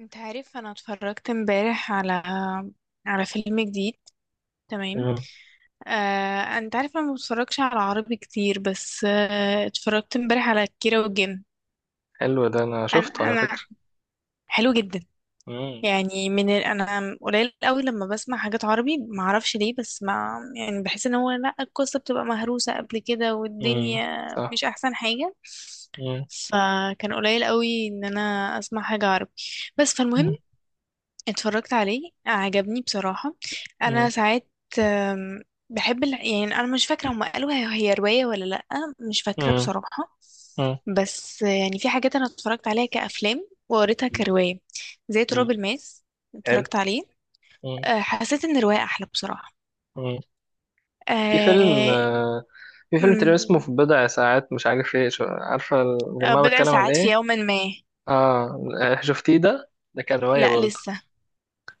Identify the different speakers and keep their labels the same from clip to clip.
Speaker 1: انت عارف، انا اتفرجت امبارح على فيلم جديد. تمام.
Speaker 2: مم.
Speaker 1: انت عارف انا ما بتفرجش على عربي كتير، بس اتفرجت امبارح على كيرة والجن.
Speaker 2: حلو ده انا
Speaker 1: انا
Speaker 2: شفته على
Speaker 1: انا
Speaker 2: فكرة.
Speaker 1: حلو جدا.
Speaker 2: مم.
Speaker 1: يعني انا قليل قوي لما بسمع حاجات عربي، ما اعرفش ليه، بس ما يعني بحس ان هو لا، القصة بتبقى مهروسة قبل كده،
Speaker 2: مم.
Speaker 1: والدنيا
Speaker 2: صح.
Speaker 1: مش احسن حاجة.
Speaker 2: مم.
Speaker 1: فكان قليل قوي ان انا اسمع حاجة عربي، بس
Speaker 2: مم.
Speaker 1: فالمهم اتفرجت عليه، عجبني بصراحة.
Speaker 2: مم.
Speaker 1: أنا ساعات آم، بحب يعني أنا مش فاكرة هما قالوا هي رواية ولا لأ. مش فاكرة
Speaker 2: مم.
Speaker 1: بصراحة.
Speaker 2: مم.
Speaker 1: بس يعني في حاجات أنا اتفرجت عليها كأفلام وقريتها كرواية، زي تراب
Speaker 2: مم.
Speaker 1: الماس.
Speaker 2: حلو.
Speaker 1: اتفرجت عليه.
Speaker 2: مم.
Speaker 1: حسيت إن الرواية أحلى بصراحة.
Speaker 2: مم. في فيلم
Speaker 1: آه،
Speaker 2: آه، في فيلم تقريبا
Speaker 1: أمم،
Speaker 2: اسمه في بضع ساعات، مش عارف ايه. عارفة
Speaker 1: آه،
Speaker 2: الجماعة
Speaker 1: بضع
Speaker 2: بتكلم عن
Speaker 1: ساعات في
Speaker 2: ايه؟
Speaker 1: يوم ما.
Speaker 2: اه. شفتيه ده كان رواية
Speaker 1: لأ،
Speaker 2: برضه.
Speaker 1: لسه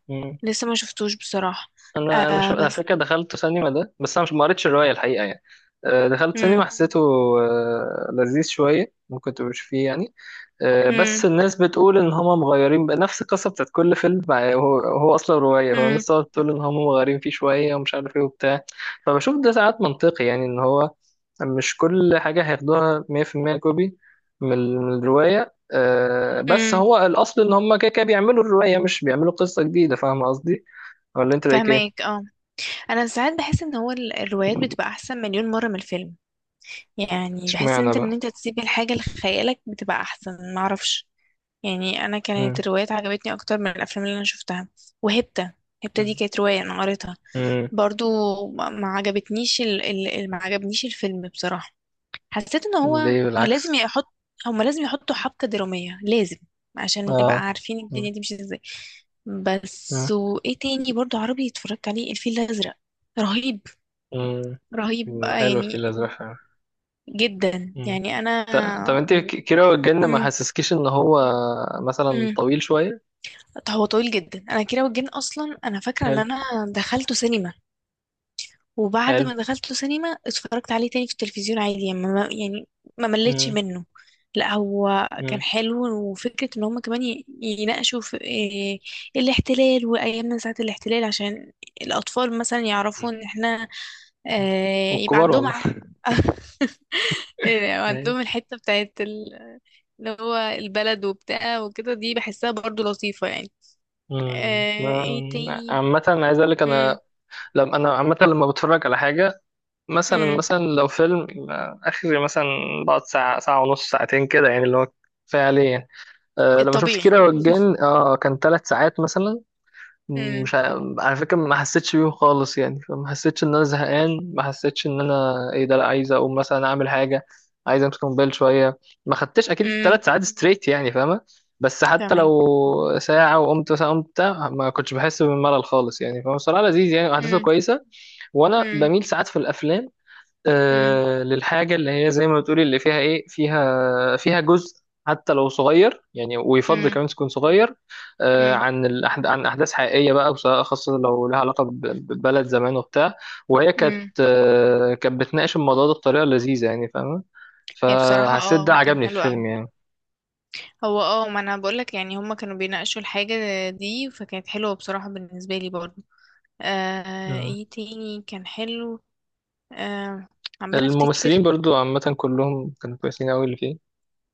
Speaker 2: مم.
Speaker 1: لسه ما شفتوش بصراحة.
Speaker 2: على
Speaker 1: بس...
Speaker 2: فكرة دخلت سينما ده، بس انا مش ما قريتش الرواية الحقيقة يعني. دخلت
Speaker 1: امم،
Speaker 2: سينما، حسيته لذيذ شوية، ممكن تبقى فيه يعني. بس
Speaker 1: امم،
Speaker 2: الناس بتقول ان هما مغيرين بقى نفس القصه بتاعت كل فيلم. هو اصلا روايه، هو
Speaker 1: امم،
Speaker 2: الناس تقعد تقول ان هما مغيرين فيه شويه ومش عارف ايه وبتاع. فبشوف ده ساعات منطقي يعني، ان هو مش كل حاجه هياخدوها 100% كوبي من الروايه. بس
Speaker 1: امم.
Speaker 2: هو الاصل ان هما كده بيعملوا الروايه، مش بيعملوا قصه جديده. فاهم قصدي؟ ولا انت رايك ايه؟
Speaker 1: فهماك، اه. انا ساعات بحس ان هو الروايات بتبقى احسن مليون مره من الفيلم. يعني بحس ان
Speaker 2: اشمعنى
Speaker 1: انت ان
Speaker 2: بقى؟
Speaker 1: انت تسيب الحاجه لخيالك، بتبقى احسن، معرفش. يعني انا كانت
Speaker 2: امم.
Speaker 1: الروايات عجبتني اكتر من الافلام اللي انا شفتها. وهبتة هبتة دي كانت روايه انا قريتها
Speaker 2: امم.
Speaker 1: برضو. ما ما عجبتنيش ال... ال... ال- ما عجبنيش الفيلم بصراحه. حسيت ان هو
Speaker 2: ليه؟
Speaker 1: لازم
Speaker 2: بالعكس.
Speaker 1: يحط، هما لازم يحطوا حبكه دراميه لازم، عشان نبقى
Speaker 2: اه.
Speaker 1: عارفين
Speaker 2: مم.
Speaker 1: الدنيا دي مش ازاي.
Speaker 2: مم.
Speaker 1: بس، وايه تاني برضو عربي اتفرجت عليه؟ الفيل الازرق. رهيب. رهيب
Speaker 2: مم. حلو في
Speaker 1: يعني،
Speaker 2: الازرق.
Speaker 1: جدا
Speaker 2: مم.
Speaker 1: يعني انا...
Speaker 2: ط- طب انت كيرة والجن ما
Speaker 1: مم.
Speaker 2: حسسكيش ان هو مثلا
Speaker 1: مم.
Speaker 2: طويل شوية؟
Speaker 1: طب هو طويل جدا. انا كيرة والجن اصلا انا فاكره ان
Speaker 2: حلو.
Speaker 1: انا دخلته سينما، وبعد
Speaker 2: حلو.
Speaker 1: ما دخلته سينما اتفرجت عليه تاني في التلفزيون عادي يعني، ما يعني، ما مليتش
Speaker 2: مم.
Speaker 1: منه. لا، هو كان
Speaker 2: مم.
Speaker 1: حلو، وفكره ان هم كمان يناقشوا في إيه؟ الاحتلال وايامنا ساعه الاحتلال، عشان الاطفال مثلا يعرفوا ان احنا
Speaker 2: مم.
Speaker 1: يبقى
Speaker 2: والكبار
Speaker 1: عندهم
Speaker 2: والله.
Speaker 1: إيه،
Speaker 2: يعني.
Speaker 1: عندهم الحتة بتاعت اللي هو البلد وبتاع وكده، دي بحسها برضو لطيفة يعني.
Speaker 2: مم.
Speaker 1: ايه تاني؟
Speaker 2: عامة عايز اقول لك انا،
Speaker 1: مم.
Speaker 2: لما انا عامة لما بتفرج على حاجة مثلا،
Speaker 1: مم.
Speaker 2: لو فيلم اخري مثلا، بقعد ساعة، ونص، ساعتين كده يعني، اللي هو كفاية عليه يعني. أه لما شفت
Speaker 1: الطبيعي.
Speaker 2: كيرة والجن، اه كان ثلاث ساعات مثلا.
Speaker 1: مم.
Speaker 2: مش على فكرة ما حسيتش بيه خالص يعني. فما حسيتش ان انا زهقان، ما حسيتش ان انا ايه ده، لا عايز اقوم مثلا اعمل حاجة، عايز امسك موبايل شوية. ما خدتش اكيد
Speaker 1: مم.
Speaker 2: ثلاث ساعات ستريت يعني، فاهمة؟ بس حتى
Speaker 1: فاهمك.
Speaker 2: لو ساعة وقمت مثلا، قمت بتاع، ما كنتش بحس بالملل خالص يعني. فبصراحة لذيذ يعني، احداثه
Speaker 1: مم.
Speaker 2: كويسة. وانا
Speaker 1: مم.
Speaker 2: بميل ساعات في الافلام
Speaker 1: مم.
Speaker 2: للحاجة اللي هي زي ما بتقولي، اللي فيها إيه، فيها جزء حتى لو صغير يعني، ويفضل
Speaker 1: مم.
Speaker 2: كمان تكون صغير،
Speaker 1: مم.
Speaker 2: عن عن أحداث حقيقية بقى، وسواء خاصة لو لها علاقة ببلد زمان وبتاع. وهي كانت
Speaker 1: مم.
Speaker 2: كانت بتناقش الموضوع ده بطريقة لذيذة يعني، فاهمة؟
Speaker 1: هي بصراحة
Speaker 2: فحسيت ده
Speaker 1: كان
Speaker 2: عجبني في
Speaker 1: حلو اوي.
Speaker 2: الفيلم يعني.
Speaker 1: هو ما انا بقولك، يعني هما كانوا بيناقشوا الحاجة دي، فكانت حلوة بصراحة بالنسبة لي برضو.
Speaker 2: مم.
Speaker 1: ايه تاني كان حلو؟ آه عمالة افتكر.
Speaker 2: الممثلين برضو عامة كلهم كانوا كويسين أوي اللي فيه.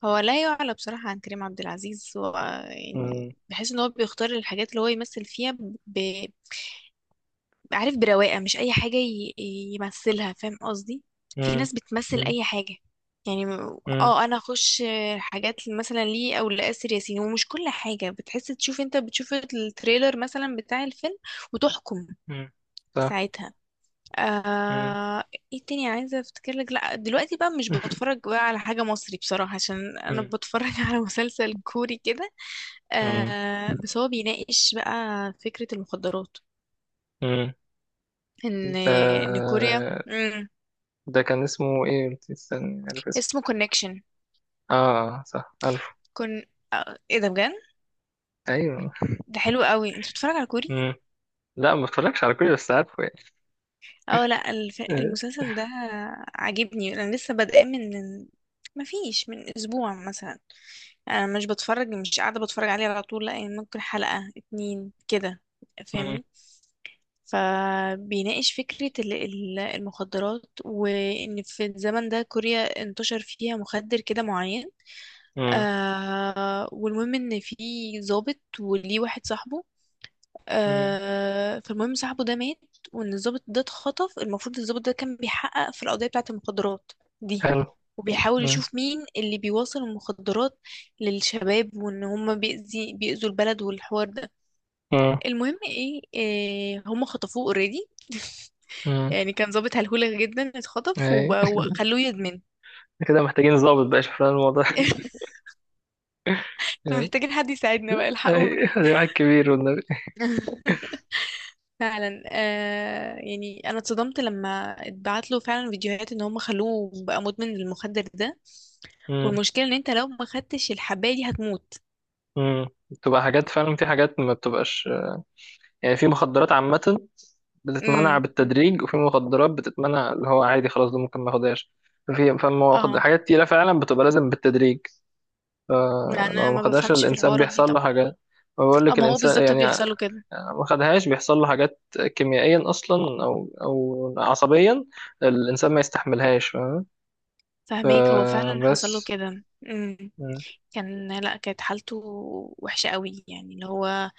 Speaker 1: هو لا يعلى بصراحة عن كريم عبد العزيز. هو يعني
Speaker 2: مم.
Speaker 1: بحس ان هو بيختار الحاجات اللي هو يمثل فيها، ب... عارف، برواقة، مش اي حاجة يمثلها، فاهم قصدي؟ في
Speaker 2: مم.
Speaker 1: ناس بتمثل
Speaker 2: مم.
Speaker 1: اي حاجة. يعني
Speaker 2: مم.
Speaker 1: انا اخش حاجات مثلا ليه او لآسر ياسين. ومش كل حاجة، بتحس تشوف، انت بتشوف التريلر مثلا بتاع الفيلم وتحكم
Speaker 2: مم. صح.
Speaker 1: ساعتها.
Speaker 2: مم.
Speaker 1: آه... ايه تاني عايزة افتكر لك؟ لا، دلوقتي بقى مش بتفرج بقى على حاجة مصري بصراحة، عشان انا
Speaker 2: مم.
Speaker 1: بتفرج على مسلسل كوري كده.
Speaker 2: مم.
Speaker 1: بس هو بيناقش بقى فكرة المخدرات،
Speaker 2: مم.
Speaker 1: ان
Speaker 2: ده
Speaker 1: ان كوريا... مم.
Speaker 2: ده كان اسمه ايه؟ قلت استني، عارف اسمه.
Speaker 1: اسمه كونكشن.
Speaker 2: اه. صح، عارفه.
Speaker 1: كون ايه ده بجد؟
Speaker 2: ايوه.
Speaker 1: ده حلو قوي. انت بتتفرج على كوري؟
Speaker 2: مم. لا ما اتفرجش على كل، بس عارفه يعني.
Speaker 1: اه لا،
Speaker 2: آه.
Speaker 1: المسلسل ده عاجبني. انا لسه بادئه من مفيش، من اسبوع مثلا. انا مش قاعده بتفرج عليه على طول، لا، يعني ممكن حلقه اتنين كده.
Speaker 2: مم.
Speaker 1: فاهمني؟ فبيناقش فكره المخدرات، وان في الزمن ده كوريا انتشر فيها مخدر كده معين.
Speaker 2: مم.
Speaker 1: والمهم ان في ضابط، وليه واحد صاحبه.
Speaker 2: مم.
Speaker 1: فالمهم صاحبه ده مات، وان الضابط ده اتخطف. المفروض الضابط ده كان بيحقق في القضية بتاعة المخدرات دي،
Speaker 2: حلو.
Speaker 1: وبيحاول
Speaker 2: مم.
Speaker 1: يشوف مين اللي بيوصل المخدرات للشباب، وان هما بيأذوا البلد والحوار ده.
Speaker 2: مم.
Speaker 1: المهم إيه هما خطفوه اوريدي.
Speaker 2: مم.
Speaker 1: يعني كان ضابط هلهولة جدا، اتخطف
Speaker 2: اي.
Speaker 1: وخلوه يدمن.
Speaker 2: كده محتاجين ظابط بقى يشوف لنا الموضوع.
Speaker 1: احنا محتاجين حد يساعدنا بقى،
Speaker 2: اي
Speaker 1: الحقونا.
Speaker 2: ده واحد كبير والنبي.
Speaker 1: فعلا. يعني انا اتصدمت لما اتبعت له فعلا فيديوهات ان هم خلوه بقى مدمن للمخدر ده،
Speaker 2: مم.
Speaker 1: والمشكله ان انت لو ما خدتش الحبايه دي هتموت.
Speaker 2: مم. بتبقى حاجات فعلا، في حاجات ما بتبقاش يعني. في مخدرات عامة بتتمنع
Speaker 1: امم.
Speaker 2: بالتدريج، وفي مخدرات بتتمنع اللي هو عادي خلاص، ده ممكن ما ياخدهاش.
Speaker 1: اه
Speaker 2: حاجات تقيلة فعلا بتبقى لازم بالتدريج.
Speaker 1: لا، انا
Speaker 2: فلو ما
Speaker 1: ما
Speaker 2: خدهاش
Speaker 1: بفهمش في
Speaker 2: الإنسان
Speaker 1: الحوارات دي
Speaker 2: بيحصل له
Speaker 1: طبعا.
Speaker 2: حاجات. بقول
Speaker 1: اه،
Speaker 2: لك
Speaker 1: ما هو
Speaker 2: الإنسان
Speaker 1: بالظبط
Speaker 2: يعني
Speaker 1: بيحصل له كده.
Speaker 2: ما خدهاش بيحصل له حاجات، كيميائيا أصلا أو عصبيا الإنسان ما يستحملهاش، فاهم؟
Speaker 1: فهماك، هو فعلا حصل له
Speaker 2: فبس.
Speaker 1: كده. امم.
Speaker 2: م-
Speaker 1: كان لا كانت حالته وحشه قوي يعني، اللي هو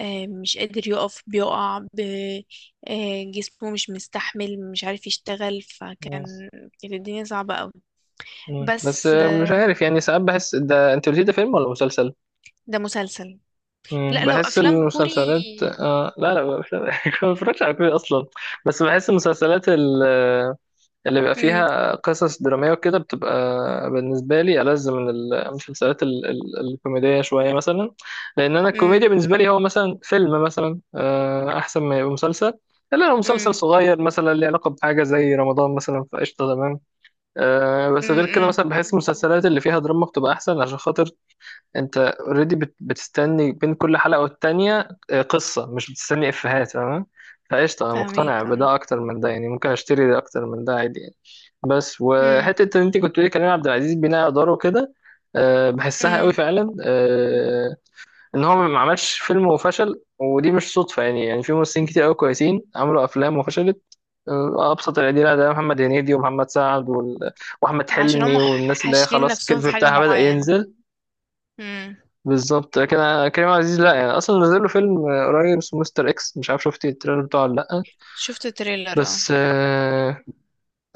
Speaker 1: مش قادر يقف، بيقع جسمه مش مستحمل، مش عارف يشتغل،
Speaker 2: م-
Speaker 1: فكان... كانت الدنيا صعبة قوي.
Speaker 2: م. بس
Speaker 1: بس
Speaker 2: مش عارف يعني. ساعات بحس ده، أنت قلتي ده فيلم ولا مسلسل؟
Speaker 1: ده مسلسل.
Speaker 2: مم،
Speaker 1: لا، لو
Speaker 2: بحس
Speaker 1: افلام كوري...
Speaker 2: المسلسلات آه لا لا مش لا ما بتفرجش على كوري اصلا. بس بحس المسلسلات اللي بيبقى
Speaker 1: امم،
Speaker 2: فيها قصص دراميه وكده، بتبقى بالنسبه لي ألذ من المسلسلات الكوميديه شويه مثلا. لان انا
Speaker 1: امم،
Speaker 2: الكوميديا بالنسبه لي هو مثلا فيلم مثلا، احسن ما يبقى مسلسل، الا لو مسلسل
Speaker 1: امم،
Speaker 2: صغير مثلا ليه علاقه بحاجه زي رمضان مثلا، فقشطه تمام. بس غير كده
Speaker 1: امم.
Speaker 2: مثلا بحس المسلسلات اللي فيها دراما بتبقى احسن، عشان خاطر انت اوريدي بتستني بين كل حلقة والتانية قصة، مش بتستني افيهات، تمام؟ فقشطة، انا مقتنع
Speaker 1: فاهمك، اه.
Speaker 2: بده اكتر من ده يعني، ممكن اشتري ده اكتر من ده عادي يعني. بس
Speaker 1: امم،
Speaker 2: وحتة ان انت كنت بتقولي كريم عبد العزيز بناء اداره كده، بحسها
Speaker 1: امم.
Speaker 2: قوي فعلا. ان هو ما عملش فيلم وفشل، ودي مش صدفة يعني. يعني في ممثلين كتير قوي كويسين عملوا افلام وفشلت. ابسط الادله ده محمد هنيدي ومحمد سعد واحمد
Speaker 1: عشان هم
Speaker 2: حلمي، والناس اللي هي
Speaker 1: حاشرين
Speaker 2: خلاص
Speaker 1: نفسهم
Speaker 2: الكيرف
Speaker 1: في حاجة
Speaker 2: بتاعها بدأ
Speaker 1: معينة.
Speaker 2: ينزل.
Speaker 1: امم.
Speaker 2: بالظبط. كريم عزيز لا يعني، اصلا نزل له فيلم قريب اسمه مستر اكس، مش عارف شفتي التريلر بتاعه ولا لا.
Speaker 1: شفت تريلر، اه.
Speaker 2: بس اه.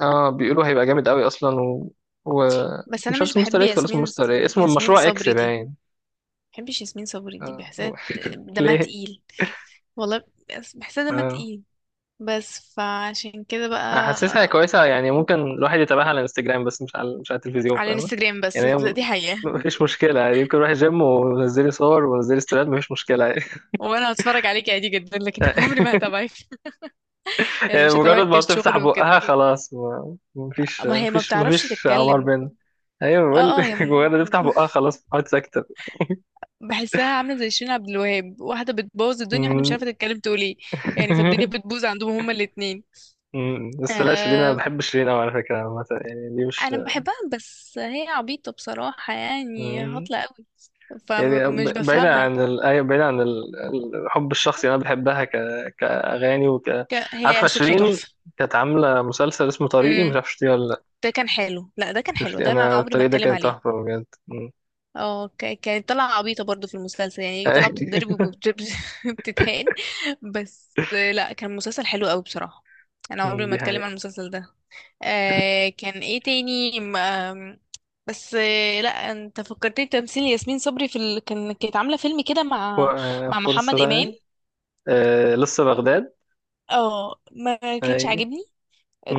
Speaker 2: بيقولوا هيبقى جامد قوي اصلا و...
Speaker 1: بس انا
Speaker 2: مش عارف
Speaker 1: مش
Speaker 2: اسمه
Speaker 1: بحب
Speaker 2: مستر اكس ولا اسمه
Speaker 1: ياسمين،
Speaker 2: مستر ايه، اسمه
Speaker 1: ياسمين
Speaker 2: مشروع اكس
Speaker 1: صبري دي
Speaker 2: باين.
Speaker 1: بحبش ياسمين صبري دي،
Speaker 2: آه.
Speaker 1: بحسها دمها
Speaker 2: ليه؟
Speaker 1: تقيل، والله. بحسها دمها
Speaker 2: اه.
Speaker 1: تقيل، بس، فعشان كده بقى.
Speaker 2: أنا حاسسها كويسه يعني، ممكن الواحد يتابعها على الانستجرام بس، مش على، مش على التلفزيون،
Speaker 1: على
Speaker 2: فاهمة؟
Speaker 1: الانستجرام بس.
Speaker 2: يعني هي
Speaker 1: دي حقيقة.
Speaker 2: مفيش مشكله يعني، ممكن اروح الجيم ونزلي صور ونزلي ستوريات، مفيش مشكله يعني.
Speaker 1: وانا هتفرج عليك عادي جدا لكن عمري ما هتابعك، يعني
Speaker 2: يعني
Speaker 1: مش هتعمل
Speaker 2: مجرد ما بتفتح
Speaker 1: كشغل وكده.
Speaker 2: بقها خلاص،
Speaker 1: ما هي ما بتعرفش
Speaker 2: مفيش عمار
Speaker 1: تتكلم.
Speaker 2: بينا. ايوه
Speaker 1: اه،
Speaker 2: بقول
Speaker 1: اه. هي
Speaker 2: مجرد ما تفتح بقها خلاص بتقعد ساكتة.
Speaker 1: بحسها عامله زي شيرين عبد الوهاب، واحده بتبوظ الدنيا، واحده مش
Speaker 2: أمم.
Speaker 1: عارفه تتكلم تقول ايه. يعني فالدنيا بتبوظ عندهم هما الاتنين.
Speaker 2: أمم. بس لا شيرين، انا
Speaker 1: آه
Speaker 2: بحب شيرين قوي على فكرة عامة يعني، دي مش.
Speaker 1: انا بحبها، بس هي عبيطه بصراحه، يعني
Speaker 2: أمم.
Speaker 1: هطلة قوي،
Speaker 2: يعني
Speaker 1: فمش
Speaker 2: بعيدا
Speaker 1: بفهمها.
Speaker 2: عن أيوة، بعيدا عن الحب الشخصي، انا بحبها كاغاني وك. عارفة
Speaker 1: هي صوتها
Speaker 2: شيرين
Speaker 1: تحفه.
Speaker 2: كانت عاملة مسلسل اسمه طريقي، مش
Speaker 1: امم.
Speaker 2: عارف شفتيه ولا لا.
Speaker 1: ده كان حلو، لا ده كان حلو،
Speaker 2: شفتي
Speaker 1: ده انا
Speaker 2: انا
Speaker 1: عمري ما
Speaker 2: الطريق ده
Speaker 1: اتكلم
Speaker 2: كان
Speaker 1: عليه.
Speaker 2: تحفة بجد. أمم.
Speaker 1: اه، كانت طالعة عبيطة برضو في المسلسل، يعني طالعة بتتضرب وبتتهان. بس لا، كان مسلسل حلو قوي بصراحة. انا عمري
Speaker 2: أمم،
Speaker 1: ما
Speaker 2: دي
Speaker 1: اتكلم عن
Speaker 2: حقيقة.
Speaker 1: المسلسل ده. كان ايه تاني م- آم، بس لا، انت فكرتني بتمثيل ياسمين صبري في كانت عاملة فيلم كده
Speaker 2: ف-
Speaker 1: مع محمد امام.
Speaker 2: فرصة. آه لسه بغداد.
Speaker 1: اه، ما كانش
Speaker 2: اي.
Speaker 1: عاجبني.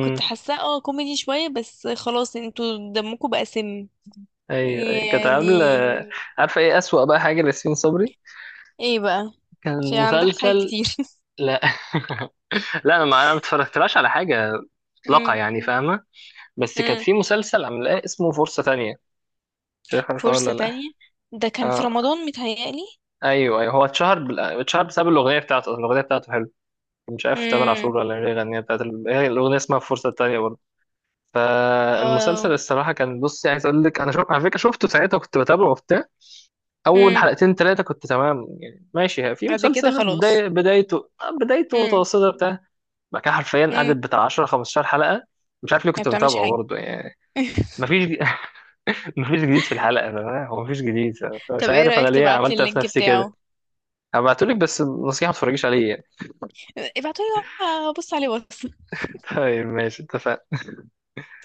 Speaker 1: كنت حاساه كوميدي شوية، بس خلاص، انتوا دمكم بقى سم
Speaker 2: ايوه. أيوة، كانت عامله.
Speaker 1: يعني.
Speaker 2: عارفه ايه اسوأ بقى حاجه لياسمين صبري؟
Speaker 1: ايه بقى؟ عشان
Speaker 2: كان
Speaker 1: عندها حاجات
Speaker 2: مسلسل.
Speaker 1: كتير.
Speaker 2: لا. لا انا ما اتفرجتلاش على حاجه مطلقه يعني، فاهمه؟ بس كانت
Speaker 1: امم.
Speaker 2: في مسلسل عاملاه اسمه فرصه تانية، مش عارف
Speaker 1: فرصة
Speaker 2: ولا لا.
Speaker 1: تانية؟ ده كان في
Speaker 2: اه.
Speaker 1: رمضان متهيألي.
Speaker 2: ايوه، ايوه، هو اتشهر اتشهر بسبب الاغنيه بتاعته، الاغنيه بتاعته حلوه، مش عارف تامر
Speaker 1: امم.
Speaker 2: عاشور ولا اللي غنيها بتاعت هي الاغنيه اسمها فرصه تانية برضه.
Speaker 1: اه.
Speaker 2: فالمسلسل الصراحه كان، بص عايز اقول لك انا، شوف على فكره شفته ساعتها كنت بتابعه وبتاع. اول
Speaker 1: امم.
Speaker 2: حلقتين ثلاثه كنت تمام يعني، ماشي في
Speaker 1: بعد كده
Speaker 2: مسلسل
Speaker 1: خلاص.
Speaker 2: بداية، بدايته
Speaker 1: امم.
Speaker 2: متوسطه بتاع. بعد كده حرفيا
Speaker 1: امم.
Speaker 2: قعدت بتاع 10 15 حلقه، مش عارف ليه
Speaker 1: ما
Speaker 2: كنت
Speaker 1: بتعملش
Speaker 2: بتابعه
Speaker 1: حاجة.
Speaker 2: برضه يعني. مفيش. مفيش جديد في الحلقه، فاهم؟ هو مفيش جديد. فمش
Speaker 1: طب، ايه
Speaker 2: عارف انا
Speaker 1: رأيك
Speaker 2: ليه
Speaker 1: تبعتلي
Speaker 2: عملت إيه في
Speaker 1: اللينك
Speaker 2: نفسي كده.
Speaker 1: بتاعه؟
Speaker 2: هبعتهولك، بس نصيحه ما تتفرجيش عليه يعني.
Speaker 1: ابعتولي وأبص عليه، واتس.
Speaker 2: طيب ماشي، اتفقنا.